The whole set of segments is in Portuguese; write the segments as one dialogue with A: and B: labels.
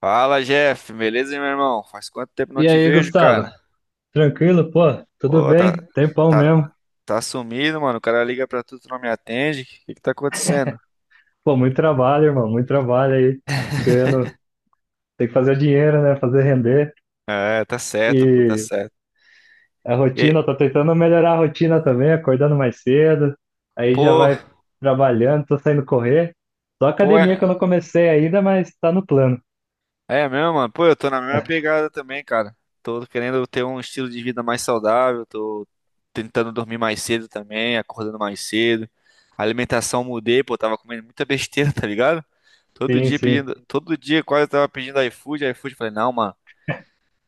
A: Fala, Jeff, beleza, meu irmão? Faz quanto tempo não
B: E
A: te
B: aí,
A: vejo,
B: Gustavo?
A: cara?
B: Tranquilo? Pô, tudo
A: Pô,
B: bem? Tempão
A: tá,
B: mesmo.
A: tá sumido, mano. O cara liga pra tu, tu não me atende. O que que tá acontecendo?
B: Pô, muito trabalho, irmão, muito trabalho aí. Ganhando, tem que fazer dinheiro, né? Fazer render.
A: É, tá certo, pô, tá
B: E
A: certo.
B: a
A: E,
B: rotina, tô tentando melhorar a rotina também, acordando mais cedo. Aí já
A: pô,
B: vai trabalhando, tô saindo correr. Só
A: pô,
B: academia que
A: é,
B: eu não comecei ainda, mas tá no plano.
A: é mesmo, mano. Pô, eu tô na mesma pegada também, cara. Tô querendo ter um estilo de vida mais saudável, tô tentando dormir mais cedo também, acordando mais cedo. A alimentação mudei, pô, tava comendo muita besteira, tá ligado? Todo
B: Sim,
A: dia
B: sim.
A: pedindo, todo dia quase eu tava pedindo iFood, iFood, falei, não, mano.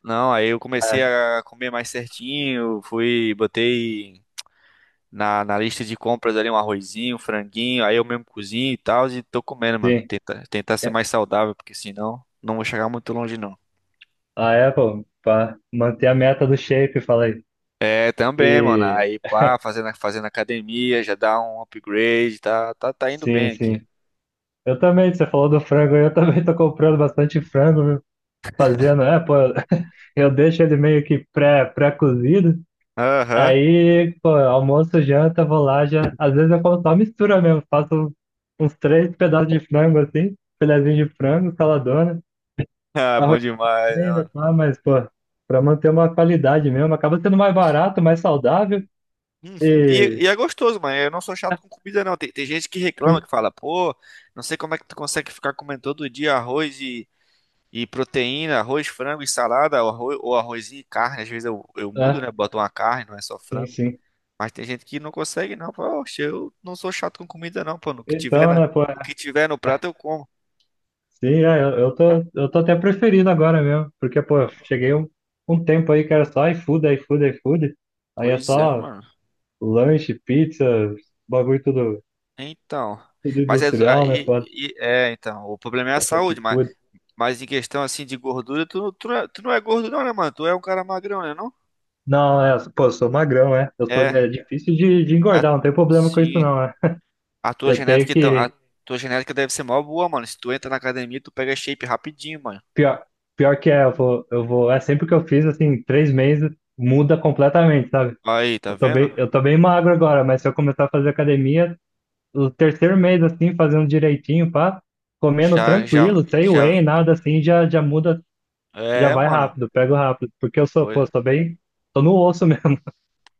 A: Não, aí eu comecei
B: Ah,
A: a comer mais certinho, fui, botei na lista de compras ali um arrozinho, um franguinho, aí eu mesmo cozinho e tal, e tô comendo, mano.
B: sim.
A: Tentar ser mais saudável, porque senão não vou chegar muito longe, não.
B: A Apple, pra manter a meta do shape, falei.
A: É, também, mano.
B: E
A: Aí, pá, fazendo academia, já dá um upgrade, tá indo
B: sim,
A: bem aqui.
B: sim. Eu também, você falou do frango, eu também tô comprando bastante frango, fazendo, pô, eu deixo ele meio que pré-cozido,
A: Aham.
B: aí, pô, almoço, janta, vou lá, já, às vezes eu como só mistura mesmo, faço uns três pedaços de frango assim, filezinho de frango, saladona,
A: Ah, bom
B: arroz
A: demais, né,
B: e
A: mano?
B: tá, mas, pô, pra manter uma qualidade mesmo, acaba sendo mais barato, mais saudável
A: Uhum. E,
B: e,
A: e é gostoso, mano. Eu não sou chato com comida, não. Tem gente que reclama,
B: sim,
A: que fala, pô, não sei como é que tu consegue ficar comendo todo dia arroz e proteína, arroz, frango e salada, ou, arroz, ou arrozinho e carne. Às vezes eu mudo,
B: é,
A: né? Boto uma carne, não é só
B: sim,
A: frango.
B: sim.
A: Mas tem gente que não consegue, não. Fala, Oxe, eu não sou chato com comida, não, pô. O que tiver
B: Então,
A: na,
B: né, pô,
A: o que tiver no prato eu como.
B: sim, é, eu tô até preferindo agora mesmo, porque, pô, eu cheguei um tempo aí que era só iFood, iFood, iFood, aí é
A: Pois é,
B: só
A: mano.
B: lanche, pizza, bagulho tudo,
A: Então.
B: tudo
A: Mas é,
B: industrial, né, pô,
A: então, o problema é a
B: fast
A: saúde, mas,
B: food.
A: mas em questão assim de gordura, tu, tu não é gordo não, né, mano? Tu é um cara magrão, né, não?
B: Não, é, pô, eu sou magrão, é, eu sou,
A: É,
B: é difícil de
A: a-
B: engordar, não tem problema com isso
A: sim.
B: não, é.
A: A tua
B: Eu tenho
A: genética, então, a
B: que,
A: tua genética deve ser mó boa, mano. Se tu entra na academia, tu pega shape rapidinho, mano.
B: pior, pior que é, é sempre que eu fiz, assim, 3 meses, muda completamente, sabe?
A: Aí, tá
B: Eu tô
A: vendo?
B: bem, eu tô bem magro agora, mas se eu começar a fazer academia, o terceiro mês, assim, fazendo direitinho, pá, comendo
A: Já, já,
B: tranquilo, sem
A: já.
B: whey, nada assim, já muda, já
A: É,
B: vai
A: mano.
B: rápido, pego rápido, porque eu sou,
A: Pois,
B: pô, sou bem, tô no osso mesmo,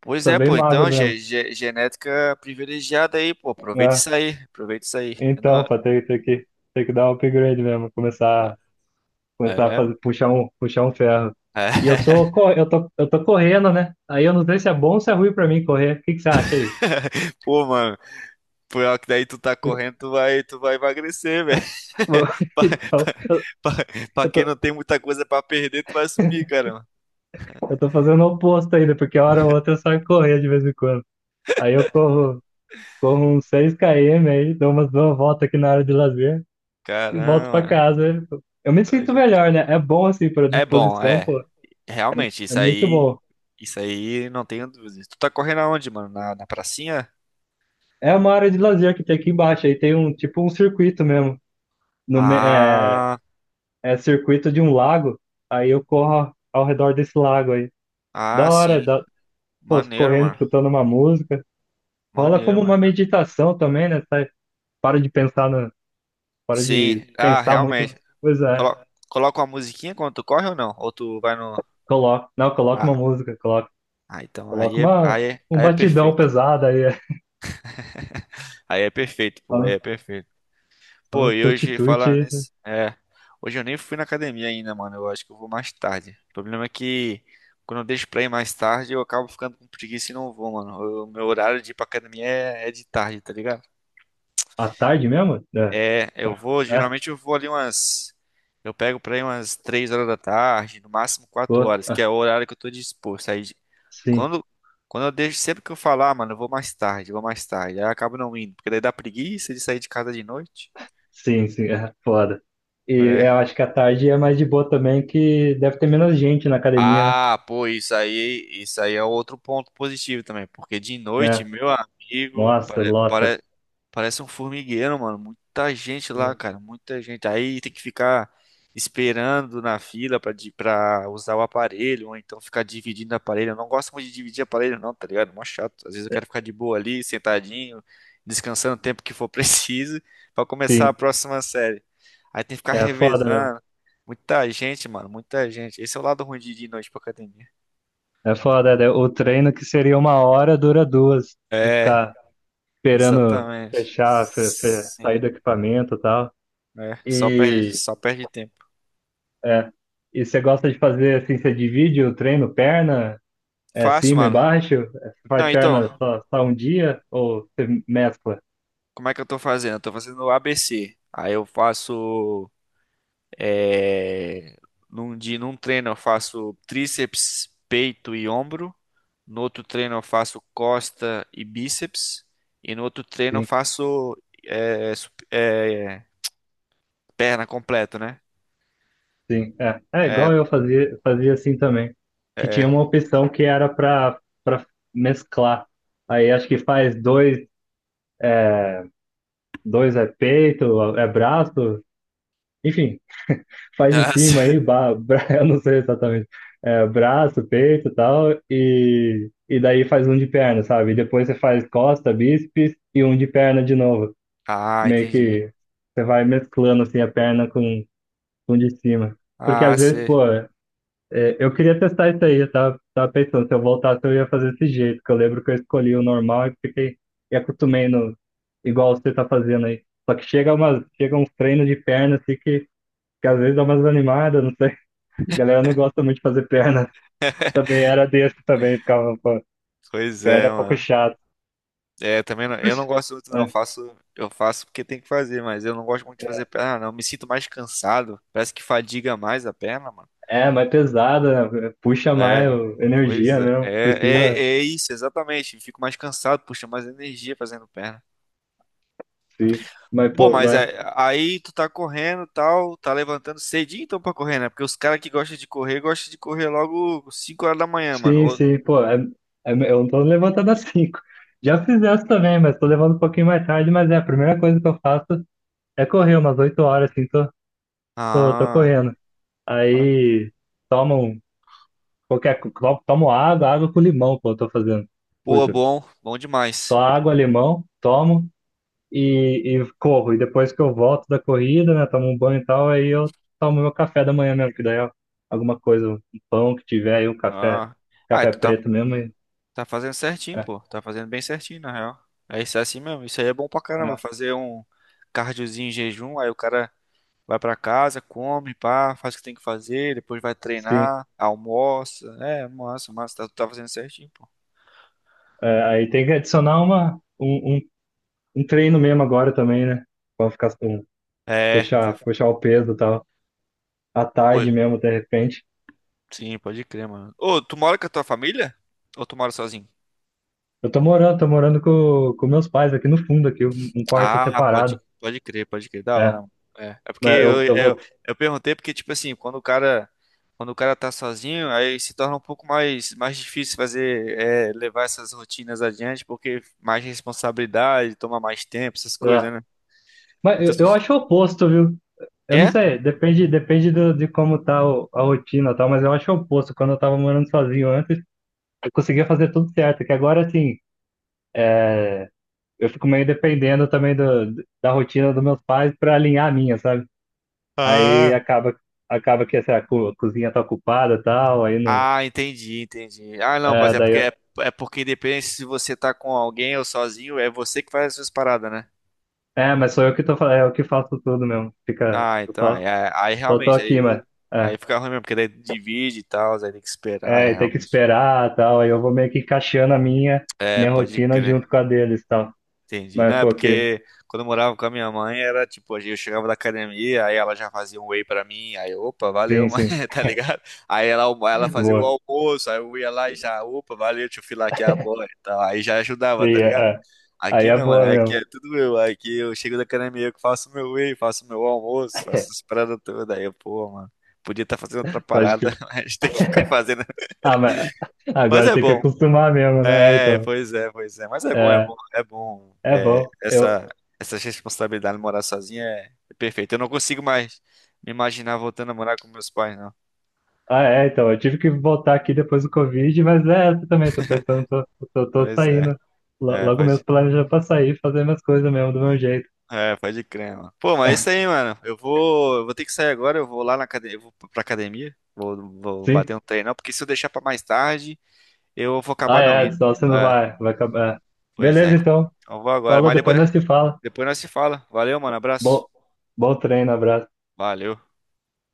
A: pois
B: tô
A: é,
B: bem
A: pô.
B: magro
A: Então,
B: mesmo,
A: genética privilegiada aí, pô. Aproveita
B: né?
A: isso aí. Aproveita isso aí. Eu não-
B: Então, pá, tem que dar um upgrade mesmo, começar a
A: É.
B: fazer, puxar um ferro. E eu
A: É.
B: tô, co- eu tô, eu tô correndo, né? Aí eu não sei se é bom ou se é ruim pra mim correr, o que que você acha aí?
A: Pô, mano. Pior que daí tu tá correndo, tu vai emagrecer, velho. Pra,
B: Então,
A: pra- pra- pra
B: eu
A: quem
B: tô,
A: não tem muita coisa pra perder, tu vai sumir, cara.
B: eu tô fazendo o oposto ainda, porque hora ou outra eu saio correr de vez em quando. Aí eu corro uns 6 km aí, dou umas duas voltas aqui na área de lazer e volto pra
A: Caramba.
B: casa. Eu me sinto melhor, né? É bom assim pra
A: É bom,
B: disposição,
A: é.
B: pô.
A: Realmente,
B: É
A: isso
B: muito
A: aí.
B: bom.
A: Isso aí não tenho dúvidas. Tu tá correndo aonde, mano? Na pracinha?
B: É uma área de lazer que tem aqui embaixo, aí tem um tipo um circuito mesmo. No, me- é,
A: Ah,
B: é circuito de um lago, aí eu corro ao redor desse lago aí.
A: ah,
B: Da hora,
A: sim.
B: pô,
A: Maneiro,
B: correndo,
A: mano.
B: escutando uma música. Rola
A: Maneiro,
B: como uma
A: mano.
B: meditação também, né? Sai, para de pensar na, para
A: Sim,
B: de
A: ah,
B: pensar muito
A: realmente.
B: nas coisas, é.
A: Colo coloca uma musiquinha quando tu corre ou não? Ou tu vai no.
B: Coloca, não, coloca uma
A: Ah,
B: música, coloca.
A: ah então aí
B: Coloca
A: é,
B: uma,
A: aí é,
B: um
A: aí é
B: batidão
A: perfeito.
B: pesado aí, é.
A: Aí é perfeito,
B: só
A: pô, aí é
B: no
A: perfeito.
B: só
A: Pô,
B: no
A: e hoje falar
B: tuti-tuti.
A: nesse. É. Hoje eu nem fui na academia ainda, mano. Eu acho que eu vou mais tarde. O problema é que quando eu deixo pra ir mais tarde, eu acabo ficando com preguiça e não vou, mano. O meu horário de ir pra academia é de tarde, tá ligado?
B: À tarde mesmo? É,
A: É, eu vou,
B: é,
A: geralmente eu vou ali umas. Eu pego pra ir umas 3 horas da tarde, no máximo quatro
B: pô,
A: horas, que
B: ah,
A: é o horário que eu tô disposto. Aí
B: sim,
A: quando, quando eu deixo, sempre que eu falar, mano, eu vou mais tarde, eu vou mais tarde. Aí eu acabo não indo, porque daí dá preguiça de sair de casa de noite.
B: sim, sim, é foda. E é, eu
A: É.
B: acho que à tarde é mais de boa também, que deve ter menos gente na academia, né?
A: Ah, pô, isso aí é outro ponto positivo também, porque de noite,
B: É,
A: meu amigo,
B: nossa, lota.
A: parece um formigueiro, mano. Muita gente lá,
B: Sim,
A: cara, muita gente. Aí tem que ficar esperando na fila pra usar o aparelho, ou então ficar dividindo o aparelho. Eu não gosto muito de dividir aparelho, não, tá ligado? Mó chato. Às vezes eu
B: é,
A: quero ficar de boa ali, sentadinho, descansando o tempo que for preciso, pra começar a
B: sim,
A: próxima série. Aí tem que ficar
B: é foda mesmo.
A: revezando. Muita gente, mano, muita gente. Esse é o lado ruim de ir de noite pra academia.
B: É foda, né? O treino que seria 1 hora dura 2, de
A: É,
B: ficar esperando
A: exatamente.
B: fechar, sair
A: Sim,
B: do equipamento e tal.
A: é. Só perde,
B: E
A: só perde tempo.
B: é. E você gosta de fazer assim, você divide o treino, perna, é
A: Faço,
B: cima e
A: mano.
B: baixo? É, você
A: Não,
B: faz perna
A: então,
B: só um dia ou você mescla?
A: como é que eu tô fazendo? Eu tô fazendo ABC. Aí eu faço. É, num dia, num treino eu faço tríceps, peito e ombro. No outro treino eu faço costa e bíceps. E no outro treino eu
B: Sim,
A: faço é, sup- é, perna completo, né?
B: sim. É, é
A: É,
B: igual eu fazia assim também. Que tinha
A: é.
B: uma opção que era para mesclar. Aí acho que faz dois, dois é peito, é braço, enfim. Faz em
A: Ah,
B: cima aí, eu não sei exatamente, é, braço, peito e tal, e, daí faz um de perna, sabe? E depois você faz costa, bíceps e um de perna de novo.
A: ah,
B: Meio
A: entendi.
B: que você vai mesclando assim a perna com o de cima. Porque
A: Ah,
B: às vezes,
A: sei.
B: pô, eu queria testar isso aí, eu tava pensando, se eu voltasse eu ia fazer desse jeito, que eu lembro que eu escolhi o normal e fiquei, e acostumei no, igual você tá fazendo aí. Só que chega, chega uns treinos de perna assim que às vezes dá umas animadas, não sei. A galera não gosta muito de fazer perna. Também era desse também, ficava, pô,
A: Pois
B: perna
A: é,
B: é um pouco
A: mano.
B: chato.
A: É, também não- eu não
B: Puxa,
A: gosto muito, não. Eu
B: é,
A: faço, eu faço porque tem que fazer, mas eu não gosto muito de fazer perna, não. Eu me sinto mais cansado. Parece que fadiga mais a perna, mano.
B: é, mas pesada, né? Puxa
A: É,
B: mais
A: pois
B: energia
A: é.
B: mesmo,
A: É, é,
B: precisa,
A: é isso, exatamente. Fico mais cansado, puxa mais energia fazendo perna.
B: sim. Mas,
A: Pô,
B: pô,
A: mas
B: mas,
A: aí tu tá correndo, e tal, tá levantando cedinho então pra correr, né? Porque os caras que gostam de correr logo 5 horas da manhã, mano.
B: sim,
A: Ou-
B: sim, pô, é, é, eu não tô levantando às 5. Já fiz essa também, mas tô levando um pouquinho mais tarde, mas é, a primeira coisa que eu faço é correr umas 8 horas, assim, tô
A: Ah,
B: correndo. Aí, tomo um- qualquer, co- tomo água, água com limão, pô, eu tô fazendo.
A: pô,
B: Curto
A: bom, bom demais.
B: Só água, limão, tomo e corro. E depois que eu volto da corrida, né, tomo um banho e tal, aí eu tomo meu café da manhã mesmo, que daí é alguma coisa, um pão que tiver aí, um café,
A: Ah, ah,
B: café
A: tu tá,
B: preto mesmo. E,
A: tá fazendo certinho,
B: é,
A: pô. Tá fazendo bem certinho, na real. É, isso é assim mesmo. Isso aí é bom pra caramba.
B: é,
A: Fazer um cardiozinho em jejum, aí o cara vai pra casa, come, pá, faz o que tem que fazer, depois vai
B: sim.
A: treinar, almoça. É, massa, massa. Tá, tu tá fazendo certinho, pô.
B: É, aí tem que adicionar um treino mesmo agora também, né? Pra ficar
A: É, tá.
B: puxar o peso e tal. À
A: Oi,
B: tarde mesmo, de repente.
A: sim, pode crer, mano. Ô, tu mora com a tua família? Ou tu mora sozinho?
B: Eu tô morando com meus pais aqui no fundo, aqui, um quarto
A: Ah, pode,
B: separado.
A: pode crer, pode crer, da hora,
B: É,
A: mano. É, é porque
B: mas eu,
A: eu,
B: eu
A: eu,
B: vou.
A: eu perguntei porque, tipo assim, quando o cara tá sozinho, aí se torna um pouco mais difícil fazer, levar essas rotinas adiante, porque mais responsabilidade, toma mais tempo, essas
B: É,
A: coisas, né?
B: mas
A: Eu tô
B: eu
A: sentindo.
B: acho o oposto, viu? Eu não
A: É?
B: sei, depende de como tá a rotina e tal, mas eu acho o oposto. Quando eu tava morando sozinho antes, eu conseguia fazer tudo certo, que agora, assim, é, eu fico meio dependendo também da rotina dos meus pais pra alinhar a minha, sabe? Aí
A: Ah,
B: acaba que essa cozinha tá ocupada e tal, aí não...
A: ah, entendi, entendi. Ah, não, mas
B: É,
A: é porque, é, é porque independente se você tá com alguém ou sozinho, é você que faz as suas paradas, né?
B: mas sou eu que tô, eu que faço tudo mesmo. Fica,
A: Ah,
B: eu
A: então, aí,
B: só,
A: aí- aí
B: só tô
A: realmente,
B: aqui,
A: aí,
B: mas...
A: aí
B: é.
A: fica ruim mesmo, porque daí divide e tal, aí tem que esperar, é
B: É, e tem que
A: realmente.
B: esperar tal. Aí eu vou meio que encaixando a minha,
A: É,
B: minha
A: pode
B: rotina
A: crer.
B: junto com a deles tal.
A: Entendi. Não,
B: Mas,
A: é
B: pô, que...
A: porque quando eu morava com a minha mãe, era tipo, eu chegava da academia, aí ela já fazia um whey pra mim, aí, opa, valeu,
B: sim,
A: mãe,
B: sim,
A: tá ligado? Aí ela fazia o
B: boa.
A: almoço, aí eu ia lá e já, opa, valeu, deixa eu filar aqui a bola e tal. Aí já
B: Sim,
A: ajudava, tá ligado?
B: é, é. Aí
A: Aqui
B: é
A: não, mano.
B: boa
A: Aqui é
B: mesmo.
A: tudo eu. Aqui eu chego da academia, eu que faço meu whey, faço meu almoço, faço as paradas todas. Aí eu, pô, mano, podia estar fazendo outra
B: Pode
A: parada,
B: que.
A: mas tem que ficar fazendo.
B: Ah, mas
A: Mas
B: agora
A: é
B: tem que
A: bom.
B: acostumar mesmo, né? É,
A: É,
B: então.
A: pois é, pois é. Mas é bom, é
B: É,
A: bom, é bom.
B: é
A: É,
B: bom. Eu...
A: essa responsabilidade de morar sozinha é perfeita. Eu não consigo mais me imaginar voltando a morar com meus pais, não.
B: Ah, é, então. Eu tive que voltar aqui depois do Covid, mas é essa também. Tô pensando, tô
A: Pois é.
B: saindo. Lo-
A: É,
B: Logo
A: pode.
B: mesmo planejando pra sair, fazer minhas coisas mesmo do meu jeito.
A: É, pode crer, mano. Pô, mas é isso aí, mano. Eu vou ter que sair agora, eu vou lá na academia, eu vou pra academia, vou
B: Sim.
A: bater um treino, porque se eu deixar pra mais tarde, eu vou
B: Ah,
A: acabar não
B: é,
A: indo.
B: senão você não
A: É,
B: vai, vai acabar.
A: pois é.
B: Beleza, então.
A: Então eu vou agora,
B: Falou,
A: mas
B: depois nós
A: depois,
B: se fala.
A: depois nós se fala. Valeu, mano, abraço.
B: Bom, bom treino, abraço.
A: Valeu.